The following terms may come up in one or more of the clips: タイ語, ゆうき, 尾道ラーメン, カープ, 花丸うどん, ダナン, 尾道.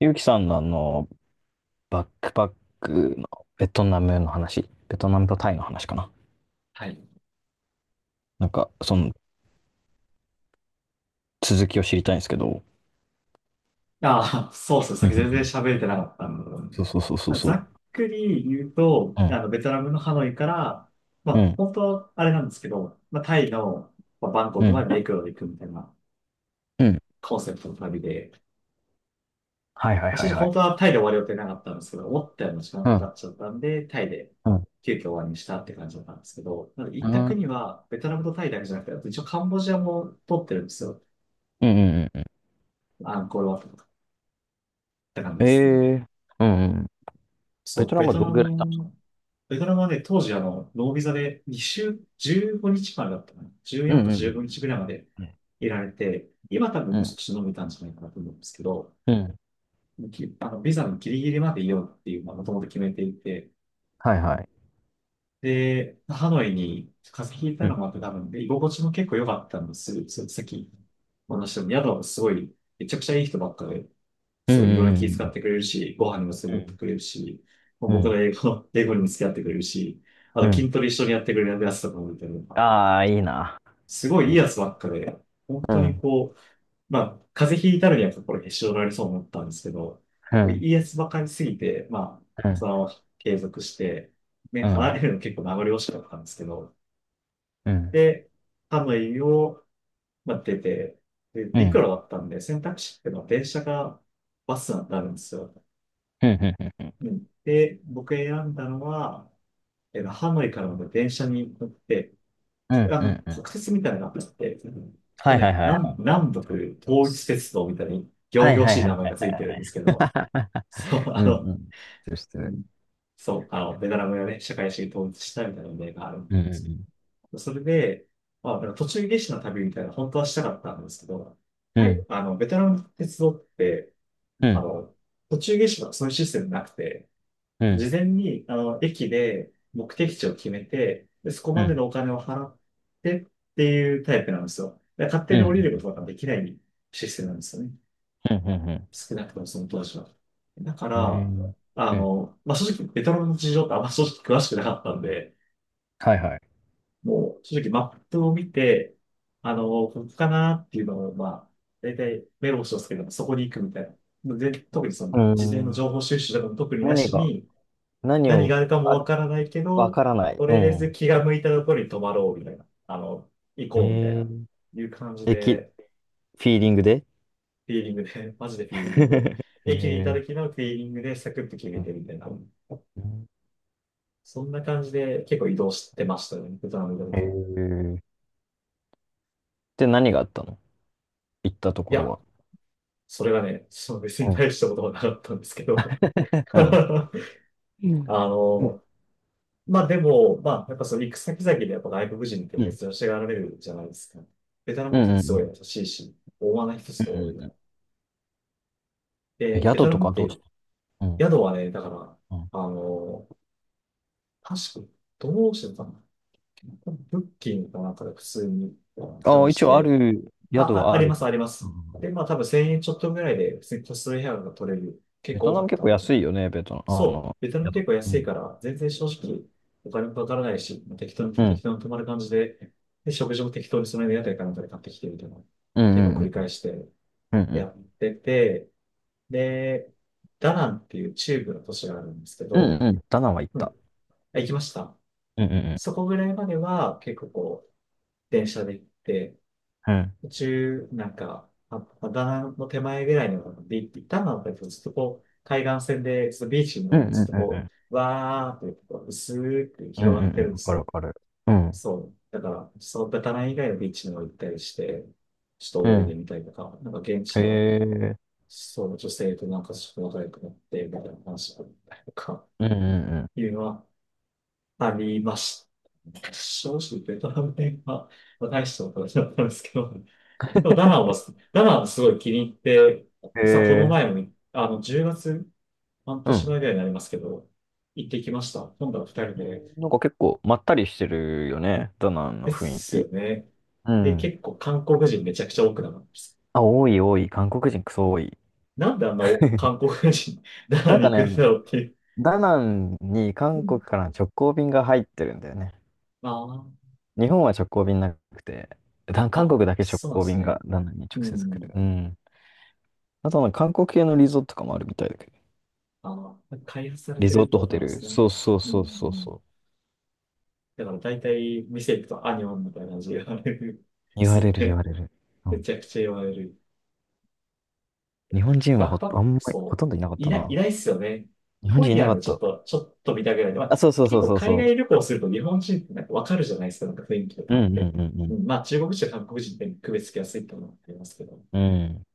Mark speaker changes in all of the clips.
Speaker 1: ゆうきさんのバックパックのベトナムの話、ベトナムとタイの話かな。
Speaker 2: はい。
Speaker 1: その続きを知りたいんですけど。
Speaker 2: ああ、そうそう、さ
Speaker 1: うん
Speaker 2: っ
Speaker 1: う
Speaker 2: き
Speaker 1: んう
Speaker 2: 全然
Speaker 1: ん。
Speaker 2: 喋れてなかったんで。
Speaker 1: そうそうそうそう
Speaker 2: まあ、
Speaker 1: そ
Speaker 2: ざ
Speaker 1: う。
Speaker 2: っくり言うと、
Speaker 1: う
Speaker 2: あ
Speaker 1: ん、
Speaker 2: の、ベトナムのハノイから、ま
Speaker 1: う
Speaker 2: あ、
Speaker 1: ん、
Speaker 2: 本当はあれなんですけど、まあ、タイの、まあ、バンコ
Speaker 1: う
Speaker 2: クま
Speaker 1: ん、
Speaker 2: で陸路で行くみたいな
Speaker 1: うん。
Speaker 2: コンセプトの旅で、
Speaker 1: はいはい
Speaker 2: まあ、
Speaker 1: は
Speaker 2: 正
Speaker 1: い
Speaker 2: 直
Speaker 1: は
Speaker 2: 本
Speaker 1: い。
Speaker 2: 当はタイで終わる予定なかったんですけど、思ったよりも時間
Speaker 1: う
Speaker 2: かか
Speaker 1: ん、
Speaker 2: っちゃったんで、タイで
Speaker 1: うん、
Speaker 2: 急遽終わりにしたって感じだったんですけど、なので行
Speaker 1: う
Speaker 2: った
Speaker 1: ん、う
Speaker 2: 国
Speaker 1: ん、
Speaker 2: は、ベトナムとタイだけじゃなくて、あと一応カンボジアも取ってるんですよ。
Speaker 1: うんうん。
Speaker 2: アンコールワットとかって感じ
Speaker 1: え
Speaker 2: ですね。
Speaker 1: えー、うん、うん。
Speaker 2: そ
Speaker 1: ベ
Speaker 2: う、
Speaker 1: トナ
Speaker 2: ベ
Speaker 1: ムは
Speaker 2: ト
Speaker 1: ど
Speaker 2: ナ
Speaker 1: んぐらいいたんですか？
Speaker 2: ム、ベトナムはね、当時あの、ノービザで2週、15日間だったかな。
Speaker 1: うん
Speaker 2: 14か
Speaker 1: う
Speaker 2: 15
Speaker 1: ん
Speaker 2: 日ぐらいまで
Speaker 1: うん、
Speaker 2: いられて、今多分
Speaker 1: う
Speaker 2: もう
Speaker 1: ん、
Speaker 2: 少し伸びたんじゃないかなと思うんですけど、
Speaker 1: うん、うん。
Speaker 2: きあの、ビザのギリギリまでいようっていう、まあ、もともと決めていて、
Speaker 1: はいはい。
Speaker 2: で、ハノイに風邪ひいた
Speaker 1: う
Speaker 2: の
Speaker 1: ん、
Speaker 2: もあって多分、で、居心地も結構良かったんです。その先、お話しも宿もすごい、めちゃくちゃいい人ばっかで、
Speaker 1: う
Speaker 2: そういろい
Speaker 1: ん、
Speaker 2: ろ
Speaker 1: う
Speaker 2: 気遣っ
Speaker 1: ん、
Speaker 2: てくれるし、ご飯にも連
Speaker 1: う
Speaker 2: れてって
Speaker 1: ん、
Speaker 2: くれるし、もう
Speaker 1: う
Speaker 2: 僕の
Speaker 1: ん、
Speaker 2: 英語、英語にも付き合ってくれるし、あ
Speaker 1: う
Speaker 2: と
Speaker 1: ん。
Speaker 2: 筋トレ一緒にやってくれるやつとかもいて、
Speaker 1: ああー、いいな。
Speaker 2: すごい
Speaker 1: い
Speaker 2: い
Speaker 1: い
Speaker 2: いや
Speaker 1: ね。
Speaker 2: つばっかで、本
Speaker 1: う
Speaker 2: 当に
Speaker 1: ん、
Speaker 2: こう、まあ、風邪ひいたのには心へし折られそうになったんですけど、
Speaker 1: う
Speaker 2: もうい
Speaker 1: ん、
Speaker 2: いやつばかりすぎて、まあ、
Speaker 1: うん、
Speaker 2: そのまま継続して、ね、離れるの結構名残惜しかったんですけど、
Speaker 1: うん、
Speaker 2: で、ハノイを、まあ、出て、で、
Speaker 1: う
Speaker 2: 陸
Speaker 1: ん。
Speaker 2: 路だったんで、選択肢っていうのは電車がバスなんてあるんですよ。
Speaker 1: うんうんうんうん。
Speaker 2: うんで、僕選んだのは、ハノイからの電車に乗って、
Speaker 1: う
Speaker 2: こ
Speaker 1: ん
Speaker 2: あ
Speaker 1: う
Speaker 2: の、
Speaker 1: んう
Speaker 2: 国
Speaker 1: ん。
Speaker 2: 鉄みたいなのがあって、ちょっ
Speaker 1: は
Speaker 2: と
Speaker 1: いはい
Speaker 2: ね、
Speaker 1: はいはい。
Speaker 2: 南、南北
Speaker 1: と思いま
Speaker 2: 統一
Speaker 1: す。
Speaker 2: 鉄道みたいに、
Speaker 1: は
Speaker 2: 仰
Speaker 1: い
Speaker 2: 々
Speaker 1: はい
Speaker 2: し
Speaker 1: は
Speaker 2: い名
Speaker 1: い
Speaker 2: 前
Speaker 1: はい。
Speaker 2: がついてるんですけど、そう、あ
Speaker 1: うん
Speaker 2: の、
Speaker 1: うん。失してる知ってる。
Speaker 2: ベトナムがね、社会主義統一したみたいな例があるみた
Speaker 1: う
Speaker 2: いなんです。
Speaker 1: ん
Speaker 2: それで、まあ、あの途中下車の旅みたいな、本当はしたかったんですけど、
Speaker 1: う
Speaker 2: はい、
Speaker 1: ん
Speaker 2: あの、ベトナムの鉄道って、
Speaker 1: うん。う
Speaker 2: あ
Speaker 1: ん
Speaker 2: の、途中下車がそういうシステムなくて、
Speaker 1: うん
Speaker 2: 事前に、あの、駅で目的地を決めて、でそこ
Speaker 1: う
Speaker 2: まで
Speaker 1: ん
Speaker 2: のお金を払ってっていうタイプなんですよ。で勝
Speaker 1: う
Speaker 2: 手
Speaker 1: ん
Speaker 2: に
Speaker 1: う
Speaker 2: 降りる
Speaker 1: ん
Speaker 2: ことができないシステムなんですよね。
Speaker 1: うんうん
Speaker 2: 少なくともその当時は。だか
Speaker 1: うんう
Speaker 2: ら、
Speaker 1: ん。
Speaker 2: あ
Speaker 1: うん。
Speaker 2: の、まあ、正直、ベトナムの事情ってあんま正直詳しくなかったんで、
Speaker 1: はいはい。
Speaker 2: もう正直マップを見て、あの、ここかなっていうのを、まあ、大体メモしますけど、そこに行くみたいな。で、特にそ
Speaker 1: う
Speaker 2: の、
Speaker 1: ー
Speaker 2: 事前
Speaker 1: ん。
Speaker 2: の
Speaker 1: ん
Speaker 2: 情報収集でも特にな
Speaker 1: 何
Speaker 2: し
Speaker 1: が、
Speaker 2: に、
Speaker 1: 何
Speaker 2: 何が
Speaker 1: を、
Speaker 2: あるかも
Speaker 1: あ、
Speaker 2: わからないけ
Speaker 1: わ
Speaker 2: ど、
Speaker 1: からない。
Speaker 2: と
Speaker 1: う
Speaker 2: りあえず
Speaker 1: ん。
Speaker 2: 気が向いたところに泊まろうみたいな、あの、行
Speaker 1: え
Speaker 2: こうみたいな、
Speaker 1: ー、
Speaker 2: いう感じ
Speaker 1: え、き、
Speaker 2: で、
Speaker 1: フィーリングで。
Speaker 2: フィーリングで、マジでフィーリングで、駅にいた
Speaker 1: えー、
Speaker 2: 時のフィーリングでサクッと決め
Speaker 1: うん。
Speaker 2: てみたいな、
Speaker 1: うん。
Speaker 2: そんな感じで結構移動してましたね、ベトナムにい
Speaker 1: え
Speaker 2: た時は。い
Speaker 1: ー、で、何があったの、行ったところ
Speaker 2: や、
Speaker 1: は。
Speaker 2: それがね、その別に
Speaker 1: うん。
Speaker 2: 大したことはなかったんですけど。
Speaker 1: うん。
Speaker 2: あ
Speaker 1: うん
Speaker 2: の、まあでも、まあやっぱその行く先々でやっぱ外国人っ
Speaker 1: う
Speaker 2: て
Speaker 1: ん。
Speaker 2: 珍しがられるじゃないですか。ベトナム
Speaker 1: う
Speaker 2: の
Speaker 1: ん
Speaker 2: 人っ
Speaker 1: うん
Speaker 2: て
Speaker 1: う
Speaker 2: すごい
Speaker 1: ん。
Speaker 2: 優しいし、大間な人
Speaker 1: う
Speaker 2: すごい多いか
Speaker 1: んうん。
Speaker 2: ら、
Speaker 1: え、
Speaker 2: で、ベト
Speaker 1: 宿
Speaker 2: ナ
Speaker 1: と
Speaker 2: ム
Speaker 1: か
Speaker 2: っ
Speaker 1: どう
Speaker 2: て
Speaker 1: して？うん。
Speaker 2: 宿はね、だから、
Speaker 1: うん。
Speaker 2: あの、確か、どうしてたんだっけなブッキングかなんかで普通に
Speaker 1: あ
Speaker 2: 探
Speaker 1: あ、一
Speaker 2: し
Speaker 1: 応あ
Speaker 2: て、
Speaker 1: る、
Speaker 2: あ、
Speaker 1: 宿は
Speaker 2: あ
Speaker 1: あ
Speaker 2: りま
Speaker 1: る。
Speaker 2: す、ありま
Speaker 1: う
Speaker 2: す。
Speaker 1: ん。
Speaker 2: で、まあ多分1000円ちょっとぐらいで、普通に個室の部屋が取れる、結
Speaker 1: ベ
Speaker 2: 構
Speaker 1: ト
Speaker 2: 多
Speaker 1: ナ
Speaker 2: か
Speaker 1: ム
Speaker 2: っ
Speaker 1: 結
Speaker 2: た
Speaker 1: 構
Speaker 2: んで。
Speaker 1: 安いよね、ベトナム。
Speaker 2: そう、ベトナム
Speaker 1: 宿。
Speaker 2: 結構
Speaker 1: う
Speaker 2: 安いか
Speaker 1: ん。
Speaker 2: ら、全然正直、お金もかからないし、
Speaker 1: う
Speaker 2: 適
Speaker 1: ん。
Speaker 2: 当に泊まる感じで、で、食事も適当にその辺の屋台かなんかで買ってきてみたいな、
Speaker 1: う
Speaker 2: 結構
Speaker 1: ん
Speaker 2: 繰り
Speaker 1: うん
Speaker 2: 返して
Speaker 1: うんうんう
Speaker 2: や
Speaker 1: ん。
Speaker 2: ってて、で、ダナンっていう中部の都市があるんですけ
Speaker 1: うん
Speaker 2: ど、
Speaker 1: うん。ダナンは行っ
Speaker 2: うん。
Speaker 1: た。
Speaker 2: あ、行きました。
Speaker 1: うんうん
Speaker 2: そこぐらいまでは結構こう、電車で行って、
Speaker 1: うん。
Speaker 2: 途中、なんか、ダナンの手前ぐらいのビーチ、ダナンだとずっとこう、海岸線で、ずっとビーチみた
Speaker 1: う
Speaker 2: い
Speaker 1: ん
Speaker 2: な
Speaker 1: う
Speaker 2: の
Speaker 1: ん
Speaker 2: が
Speaker 1: う
Speaker 2: ずっと
Speaker 1: んうんう
Speaker 2: こ
Speaker 1: ん。
Speaker 2: う、わーってこう、薄く
Speaker 1: うんうんう
Speaker 2: 広がってる
Speaker 1: ん。
Speaker 2: んで
Speaker 1: わか
Speaker 2: す
Speaker 1: るわ
Speaker 2: よ。
Speaker 1: かる。うん。
Speaker 2: そう。だから、そう、ダナン以外のビーチにも行ったりして、ちょ
Speaker 1: う
Speaker 2: っと泳いで
Speaker 1: ん。
Speaker 2: みたりとか、なんか現地
Speaker 1: へ
Speaker 2: の、
Speaker 1: え。
Speaker 2: そう、女性となんかちょっと仲良くなって、みたいな話があったりとか。
Speaker 1: うんうん
Speaker 2: いうのはありました。正直、ベトナム戦は、まあ、大したことはなかったんですけど、でもダナンは、ダナンすごい気に入って、
Speaker 1: うん。へ
Speaker 2: 実はこの
Speaker 1: え。
Speaker 2: 前も、あの、10月、半
Speaker 1: う
Speaker 2: 年前
Speaker 1: ん。
Speaker 2: ぐらいになりますけど、行ってきました。今度は2人で。
Speaker 1: なんか結構まったりしてるよね、ダナン
Speaker 2: で
Speaker 1: の雰囲
Speaker 2: す
Speaker 1: 気。
Speaker 2: よね。
Speaker 1: う
Speaker 2: で、
Speaker 1: ん。
Speaker 2: 結構韓国人めちゃくちゃ多くなかったです。
Speaker 1: あ、多い多い。韓国人クソ多い。
Speaker 2: なんであんな 韓国人、ダナ
Speaker 1: な
Speaker 2: ン
Speaker 1: ん
Speaker 2: に
Speaker 1: か
Speaker 2: 行くんだ
Speaker 1: ね、
Speaker 2: ろうっていう。
Speaker 1: ダナンに
Speaker 2: う
Speaker 1: 韓
Speaker 2: ん、
Speaker 1: 国からの直行便が入ってるんだよね。
Speaker 2: あ
Speaker 1: 日本は直行便なくて、だ
Speaker 2: あ、
Speaker 1: 韓
Speaker 2: あ、
Speaker 1: 国だけ直
Speaker 2: そうなん
Speaker 1: 行
Speaker 2: です
Speaker 1: 便
Speaker 2: ね。
Speaker 1: がダナンに直
Speaker 2: う
Speaker 1: 接来る。
Speaker 2: ん。
Speaker 1: うん。あとは韓国系のリゾートとかもあるみたいだけど。
Speaker 2: あの、開発され
Speaker 1: リ
Speaker 2: て
Speaker 1: ゾ
Speaker 2: る
Speaker 1: ー
Speaker 2: って
Speaker 1: ト
Speaker 2: こ
Speaker 1: ホ
Speaker 2: と
Speaker 1: テ
Speaker 2: なんで
Speaker 1: ル。
Speaker 2: すね。
Speaker 1: そうそう
Speaker 2: う
Speaker 1: そうそう
Speaker 2: ん、
Speaker 1: そう。
Speaker 2: だから大体店行くとアニョンみたいな字があるんで
Speaker 1: 言
Speaker 2: す
Speaker 1: わ
Speaker 2: よ
Speaker 1: れる言
Speaker 2: ね。
Speaker 1: われる。う
Speaker 2: め
Speaker 1: ん。
Speaker 2: ちゃくちゃ言われる。
Speaker 1: 日本人は
Speaker 2: バック
Speaker 1: ほ、
Speaker 2: パッ
Speaker 1: あんま
Speaker 2: ク、
Speaker 1: り、ほ
Speaker 2: そ
Speaker 1: と
Speaker 2: う。
Speaker 1: んどいなかっ
Speaker 2: い
Speaker 1: た
Speaker 2: ない、い
Speaker 1: な。
Speaker 2: ないっすよね。
Speaker 1: 日本
Speaker 2: ホ
Speaker 1: 人
Speaker 2: イ
Speaker 1: いな
Speaker 2: ヤー
Speaker 1: か
Speaker 2: の
Speaker 1: っ
Speaker 2: ちょっ
Speaker 1: た。
Speaker 2: と、ちょっと見たぐらいで、ま
Speaker 1: あ、
Speaker 2: あ、
Speaker 1: そうそうそ
Speaker 2: 結
Speaker 1: う
Speaker 2: 構
Speaker 1: そう
Speaker 2: 海
Speaker 1: そ
Speaker 2: 外旅行すると日本人ってなんかわかるじゃないですか、なんか雰囲気と
Speaker 1: う。
Speaker 2: か
Speaker 1: う
Speaker 2: あっ
Speaker 1: んうん
Speaker 2: て。
Speaker 1: う
Speaker 2: う
Speaker 1: ん
Speaker 2: ん、まあ中国人、韓国人って区別つきやすいってのはありますけど、
Speaker 1: うん。うん。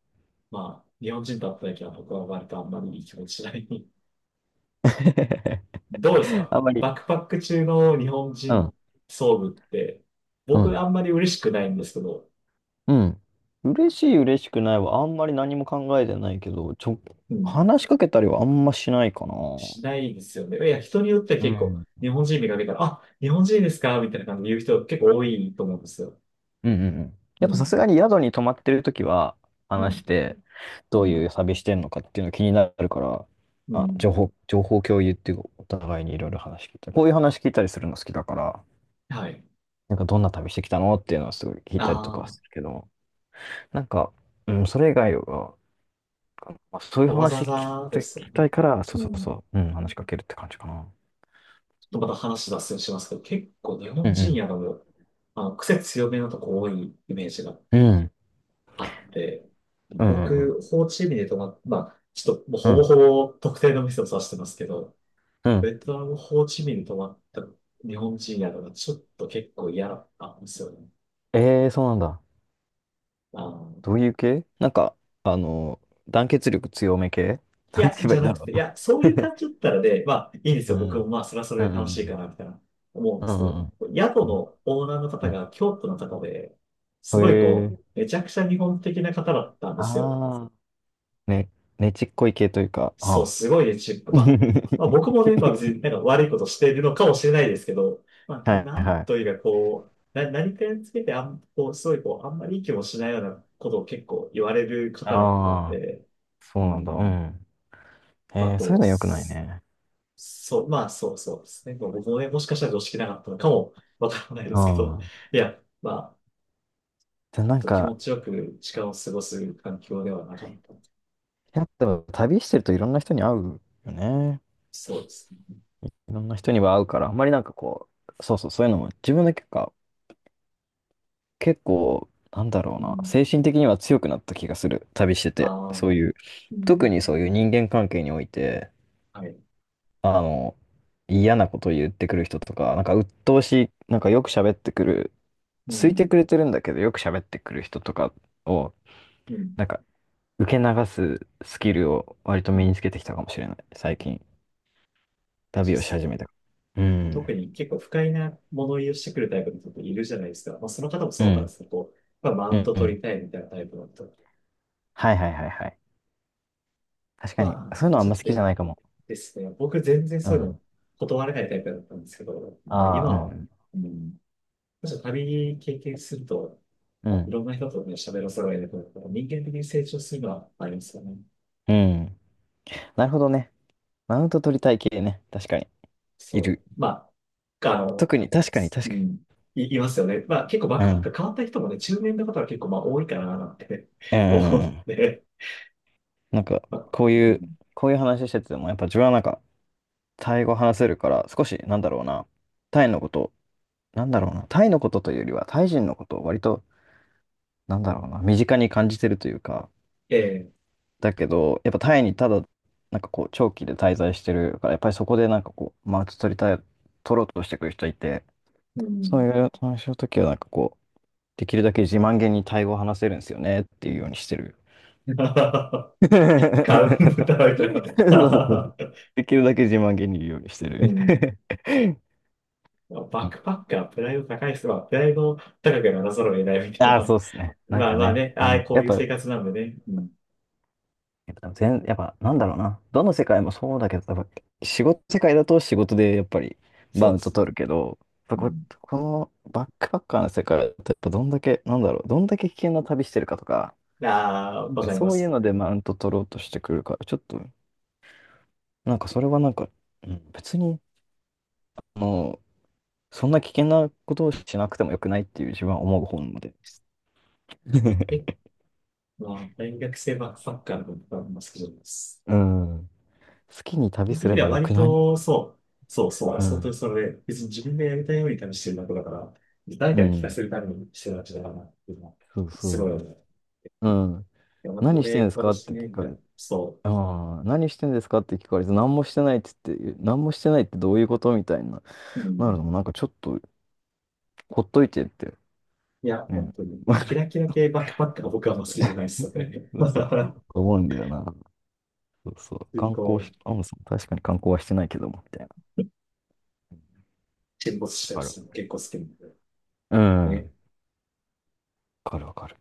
Speaker 2: まあ日本人と会った時は僕は割とあんまりいい気持ちしない。どうです
Speaker 1: あん
Speaker 2: か
Speaker 1: まり。
Speaker 2: バックパック中の日本
Speaker 1: う
Speaker 2: 人
Speaker 1: ん。
Speaker 2: 遭遇って、
Speaker 1: う
Speaker 2: 僕
Speaker 1: ん。
Speaker 2: あんまり嬉しくないんですけど、
Speaker 1: うん。嬉しい、嬉しくないはあんまり何も考えてないけど、ちょ、
Speaker 2: うん、
Speaker 1: 話しかけたりはあんましないかな。
Speaker 2: しないですよね。いや、人によっては
Speaker 1: う
Speaker 2: 結
Speaker 1: ん。
Speaker 2: 構、
Speaker 1: うん
Speaker 2: 日本人見かけたら、あ、日本人ですかみたいな感じで言う人結構多いと思うんですよ。
Speaker 1: うんうん。
Speaker 2: う
Speaker 1: やっぱさ
Speaker 2: ん。
Speaker 1: すがに宿に泊まってるときは
Speaker 2: う
Speaker 1: 話
Speaker 2: ん。
Speaker 1: して、
Speaker 2: う
Speaker 1: どういう
Speaker 2: ん。
Speaker 1: 旅してんのかっていうの気になるから、
Speaker 2: う
Speaker 1: あ、
Speaker 2: ん。
Speaker 1: 情報、情報共有っていうか、お互いにいろいろ話聞いたり、こういう話聞いたりするの好きだから、
Speaker 2: はい。
Speaker 1: なんかどんな旅してきたのっていうのはすごい聞いたりとか
Speaker 2: あ
Speaker 1: はするけど、なんか、うん、それ以外はまあ、そうい
Speaker 2: あ、
Speaker 1: う
Speaker 2: わざわ
Speaker 1: 話聞き
Speaker 2: ざ
Speaker 1: た
Speaker 2: で
Speaker 1: い、聞
Speaker 2: すよね。
Speaker 1: きたいから、そう
Speaker 2: う
Speaker 1: そう
Speaker 2: ん。
Speaker 1: そう、うん、話しかけるって感じかな。
Speaker 2: ちょっとまた話脱線しますけど、結構日
Speaker 1: う
Speaker 2: 本人
Speaker 1: ん
Speaker 2: やの、あの、癖強めのとこ多いイメージが
Speaker 1: うん。
Speaker 2: あって、
Speaker 1: うん。うんうん
Speaker 2: 僕、ホーチミンで泊まっ、まあ、ちょっともう
Speaker 1: うん。
Speaker 2: ほ
Speaker 1: う
Speaker 2: ぼ
Speaker 1: ん。
Speaker 2: ほぼ特定の店を指してますけど、
Speaker 1: うん。
Speaker 2: ベトナム、ホーチミンに泊まった日本人やのがちょっと結構嫌だったんですよね。
Speaker 1: ええー、そうなんだ。
Speaker 2: あの、
Speaker 1: どういう系なんか、あの、団結力強め系、
Speaker 2: い
Speaker 1: なんて
Speaker 2: や、
Speaker 1: 言えば
Speaker 2: じ
Speaker 1: い
Speaker 2: ゃ
Speaker 1: いん
Speaker 2: な
Speaker 1: だ
Speaker 2: く
Speaker 1: ろ
Speaker 2: て、いや、そういう感じだったらね、まあ、いいんです
Speaker 1: う。 う
Speaker 2: よ。僕も
Speaker 1: ん
Speaker 2: まあ、それはそ
Speaker 1: う
Speaker 2: れで楽しいか
Speaker 1: ん
Speaker 2: な、みたいな思うん
Speaker 1: う
Speaker 2: で
Speaker 1: ん。う
Speaker 2: すけど、
Speaker 1: んうん
Speaker 2: 宿
Speaker 1: うん。
Speaker 2: のオーナーの
Speaker 1: う
Speaker 2: 方
Speaker 1: んうん。
Speaker 2: が京都の方で、
Speaker 1: へ
Speaker 2: すごいこ
Speaker 1: え。
Speaker 2: う、めちゃくちゃ日本的な方だったんですよ。
Speaker 1: ああ、ね、ねちっこい系というか、あ
Speaker 2: そう、
Speaker 1: あ。
Speaker 2: すごいね、チップ。まあ、ま あ、僕もね、まあ別になんか悪いことしているのかもしれないですけど、まあ、
Speaker 1: は
Speaker 2: な
Speaker 1: い
Speaker 2: ん
Speaker 1: は
Speaker 2: と
Speaker 1: い。
Speaker 2: いうかこう、何かにつけてあん、こう、すごいこう、あんまりいい気もしないようなことを結構言われる方だったん
Speaker 1: ああ、
Speaker 2: で、
Speaker 1: そ
Speaker 2: う
Speaker 1: うなんだ。う
Speaker 2: ん、
Speaker 1: ん。
Speaker 2: まあ
Speaker 1: えー、そう
Speaker 2: こ
Speaker 1: いう
Speaker 2: う、
Speaker 1: の良くないね。
Speaker 2: そう、まあそうですね。まあ僕もね、もしかしたら常識なかったのかもわからないで
Speaker 1: あ
Speaker 2: すけど、
Speaker 1: あ。
Speaker 2: いや、まあ、
Speaker 1: で、なん
Speaker 2: と気持
Speaker 1: か、
Speaker 2: ちよく時間を過ごす環境ではなかった。
Speaker 1: やっぱ旅してるといろんな人に会うよね。
Speaker 2: そうですね。
Speaker 1: いろんな人には会うから、あんまりなんかこう、そうそう、そういうのも自分だけか、結構、なんだろう
Speaker 2: う
Speaker 1: な、
Speaker 2: ん。
Speaker 1: 精神的には強くなった気がする。旅して
Speaker 2: あ
Speaker 1: て。そう
Speaker 2: あ、
Speaker 1: いう、
Speaker 2: う
Speaker 1: 特
Speaker 2: ん。
Speaker 1: にそういう人間関係において、
Speaker 2: はい。
Speaker 1: あの、嫌なこと言ってくる人とか、なんか鬱陶しい、なんかよく喋ってくる、
Speaker 2: う
Speaker 1: 好いて
Speaker 2: ん。
Speaker 1: くれてるんだけど、よく喋ってくる人とかを、
Speaker 2: うん、
Speaker 1: なんか、受け流すスキルを割と身につけてきたかもしれない、最近。
Speaker 2: 大事っ
Speaker 1: 旅をし
Speaker 2: すよ
Speaker 1: 始
Speaker 2: ね。
Speaker 1: めた。うん。
Speaker 2: 特に結構不快な物言いをしてくるタイプの人っているじゃないですか。まあ、その方も
Speaker 1: う
Speaker 2: そうだったんで
Speaker 1: ん。
Speaker 2: すけど、こうまあ、マ
Speaker 1: う
Speaker 2: ウン
Speaker 1: ん。
Speaker 2: ト
Speaker 1: う
Speaker 2: 取り
Speaker 1: ん。
Speaker 2: たいみたいなタイプの人
Speaker 1: はいはいはいはい。確かに。
Speaker 2: は、
Speaker 1: そういうのあ
Speaker 2: ち
Speaker 1: ん
Speaker 2: ょっ
Speaker 1: ま好
Speaker 2: と
Speaker 1: きじゃないかも。
Speaker 2: ですね、僕全然
Speaker 1: う
Speaker 2: そういう
Speaker 1: ん。
Speaker 2: の断れないタイプだったんですけど、まあ、
Speaker 1: ああ、う
Speaker 2: 今は、
Speaker 1: ん。
Speaker 2: うん、むし旅経験すると、
Speaker 1: うん。
Speaker 2: いろんな人とね、喋らされると、人間的に成長するのはありますよね。
Speaker 1: うん。なるほどね。マウント取りたい系ね。確かに。
Speaker 2: そ
Speaker 1: いる。
Speaker 2: う。まあ、あの、
Speaker 1: 特に、確かに、
Speaker 2: すう
Speaker 1: 確かに。
Speaker 2: ん、いますよね。まあ、結構バッ
Speaker 1: う
Speaker 2: クパッ
Speaker 1: ん。
Speaker 2: ク変わった人もね、中年の方は結構まあ多いかななんて
Speaker 1: うん。
Speaker 2: 思っ
Speaker 1: うん。
Speaker 2: て、
Speaker 1: なんか、
Speaker 2: まあ、
Speaker 1: こう
Speaker 2: う
Speaker 1: いう、
Speaker 2: ん、
Speaker 1: こういう話してても、やっぱ自分はなんか、タイ語話せるから、少し、なんだろうな、タイのこと、なんだろうな、タイのことというよりは、タイ人のことを割と、なんだろうな、身近に感じてるというか、
Speaker 2: ええ、
Speaker 1: だけど、やっぱタイにただ、なんかこう、長期で滞在してるから、やっぱりそこでなんかこう、マウント取りたい、取ろうとしてくる人いて、
Speaker 2: う
Speaker 1: そうい
Speaker 2: ん。
Speaker 1: う話の時はなんかこう、できるだけ自慢げにタイ語を話せるんですよねっていうようにしてる。
Speaker 2: カウンタ
Speaker 1: そう
Speaker 2: ーみたい
Speaker 1: そうそう、
Speaker 2: な。
Speaker 1: できるだけ自慢げに言うようにして
Speaker 2: う
Speaker 1: る。
Speaker 2: ん。まあ
Speaker 1: う
Speaker 2: バッ
Speaker 1: ん。
Speaker 2: クパックはプライド高い人は、プライドを高くならざるを得ないみたい
Speaker 1: ああ、そ
Speaker 2: な。
Speaker 1: うっすね。なん
Speaker 2: まあ
Speaker 1: か
Speaker 2: まあ
Speaker 1: ね、
Speaker 2: ね、ああ、こ
Speaker 1: や
Speaker 2: う
Speaker 1: っ
Speaker 2: いう
Speaker 1: ぱ、
Speaker 2: 生活なんでね。うん。
Speaker 1: やっぱ全、やっぱなんだろうな。どの世界もそうだけど、多分仕事世界だと仕事でやっぱりバ
Speaker 2: そう
Speaker 1: ウン
Speaker 2: で
Speaker 1: ト
Speaker 2: すね。
Speaker 1: 取るけど、や
Speaker 2: う
Speaker 1: っぱこ、
Speaker 2: ん。
Speaker 1: このバックパッカーの世界だとやっぱどんだけ、なんだろう、どんだけ危険な旅してるかとか、
Speaker 2: ああ、
Speaker 1: なん
Speaker 2: わ
Speaker 1: か
Speaker 2: かりま
Speaker 1: そういう
Speaker 2: す。
Speaker 1: のでマウント取ろうとしてくるから、ちょっと、なんかそれはなんか、うん、別に、もう、そんな危険なことをしなくてもよくないっていう自分は思う方なので。
Speaker 2: え、まあ、大学生バックパッカーのことは、まあ、好きです。
Speaker 1: うん。好きに旅
Speaker 2: 僕
Speaker 1: す
Speaker 2: 的
Speaker 1: れ
Speaker 2: に
Speaker 1: ば
Speaker 2: は
Speaker 1: よ
Speaker 2: 割
Speaker 1: くない？
Speaker 2: と、そう、そうそう、は
Speaker 1: う
Speaker 2: い本当に
Speaker 1: ん。
Speaker 2: それで、別に自分でやりたいように多分してるだけだから、誰
Speaker 1: う
Speaker 2: かに聞か
Speaker 1: ん。
Speaker 2: せるためにしてるわけだからっていうのは、
Speaker 1: そう
Speaker 2: すごい
Speaker 1: そ
Speaker 2: よね。
Speaker 1: う。うん。
Speaker 2: いや、まあ
Speaker 1: 何してんで
Speaker 2: 俺、
Speaker 1: すかっ
Speaker 2: 私
Speaker 1: て聞
Speaker 2: ね、み
Speaker 1: か
Speaker 2: たいな。
Speaker 1: れて、
Speaker 2: そ
Speaker 1: ああ、何してんですかって聞かれて、何もしてないって言って、何もしてないってどういうことみたいな。
Speaker 2: う。う
Speaker 1: なるの
Speaker 2: ん。
Speaker 1: もなんかちょっと、ほっといてって、
Speaker 2: いや、
Speaker 1: ね。
Speaker 2: 本当に。キラ キラ系バックパックが僕はあんま好きじゃないですよね。
Speaker 1: そうそう、
Speaker 2: 普
Speaker 1: 思うんだよな。そうそう。
Speaker 2: 通に
Speaker 1: 観光
Speaker 2: こ
Speaker 1: し、
Speaker 2: う、
Speaker 1: アムさん、確かに観光はしてないけども、みたいな。
Speaker 2: 沈没したり
Speaker 1: わかる。
Speaker 2: するの結構好きなんで。
Speaker 1: うん。わかるわかる。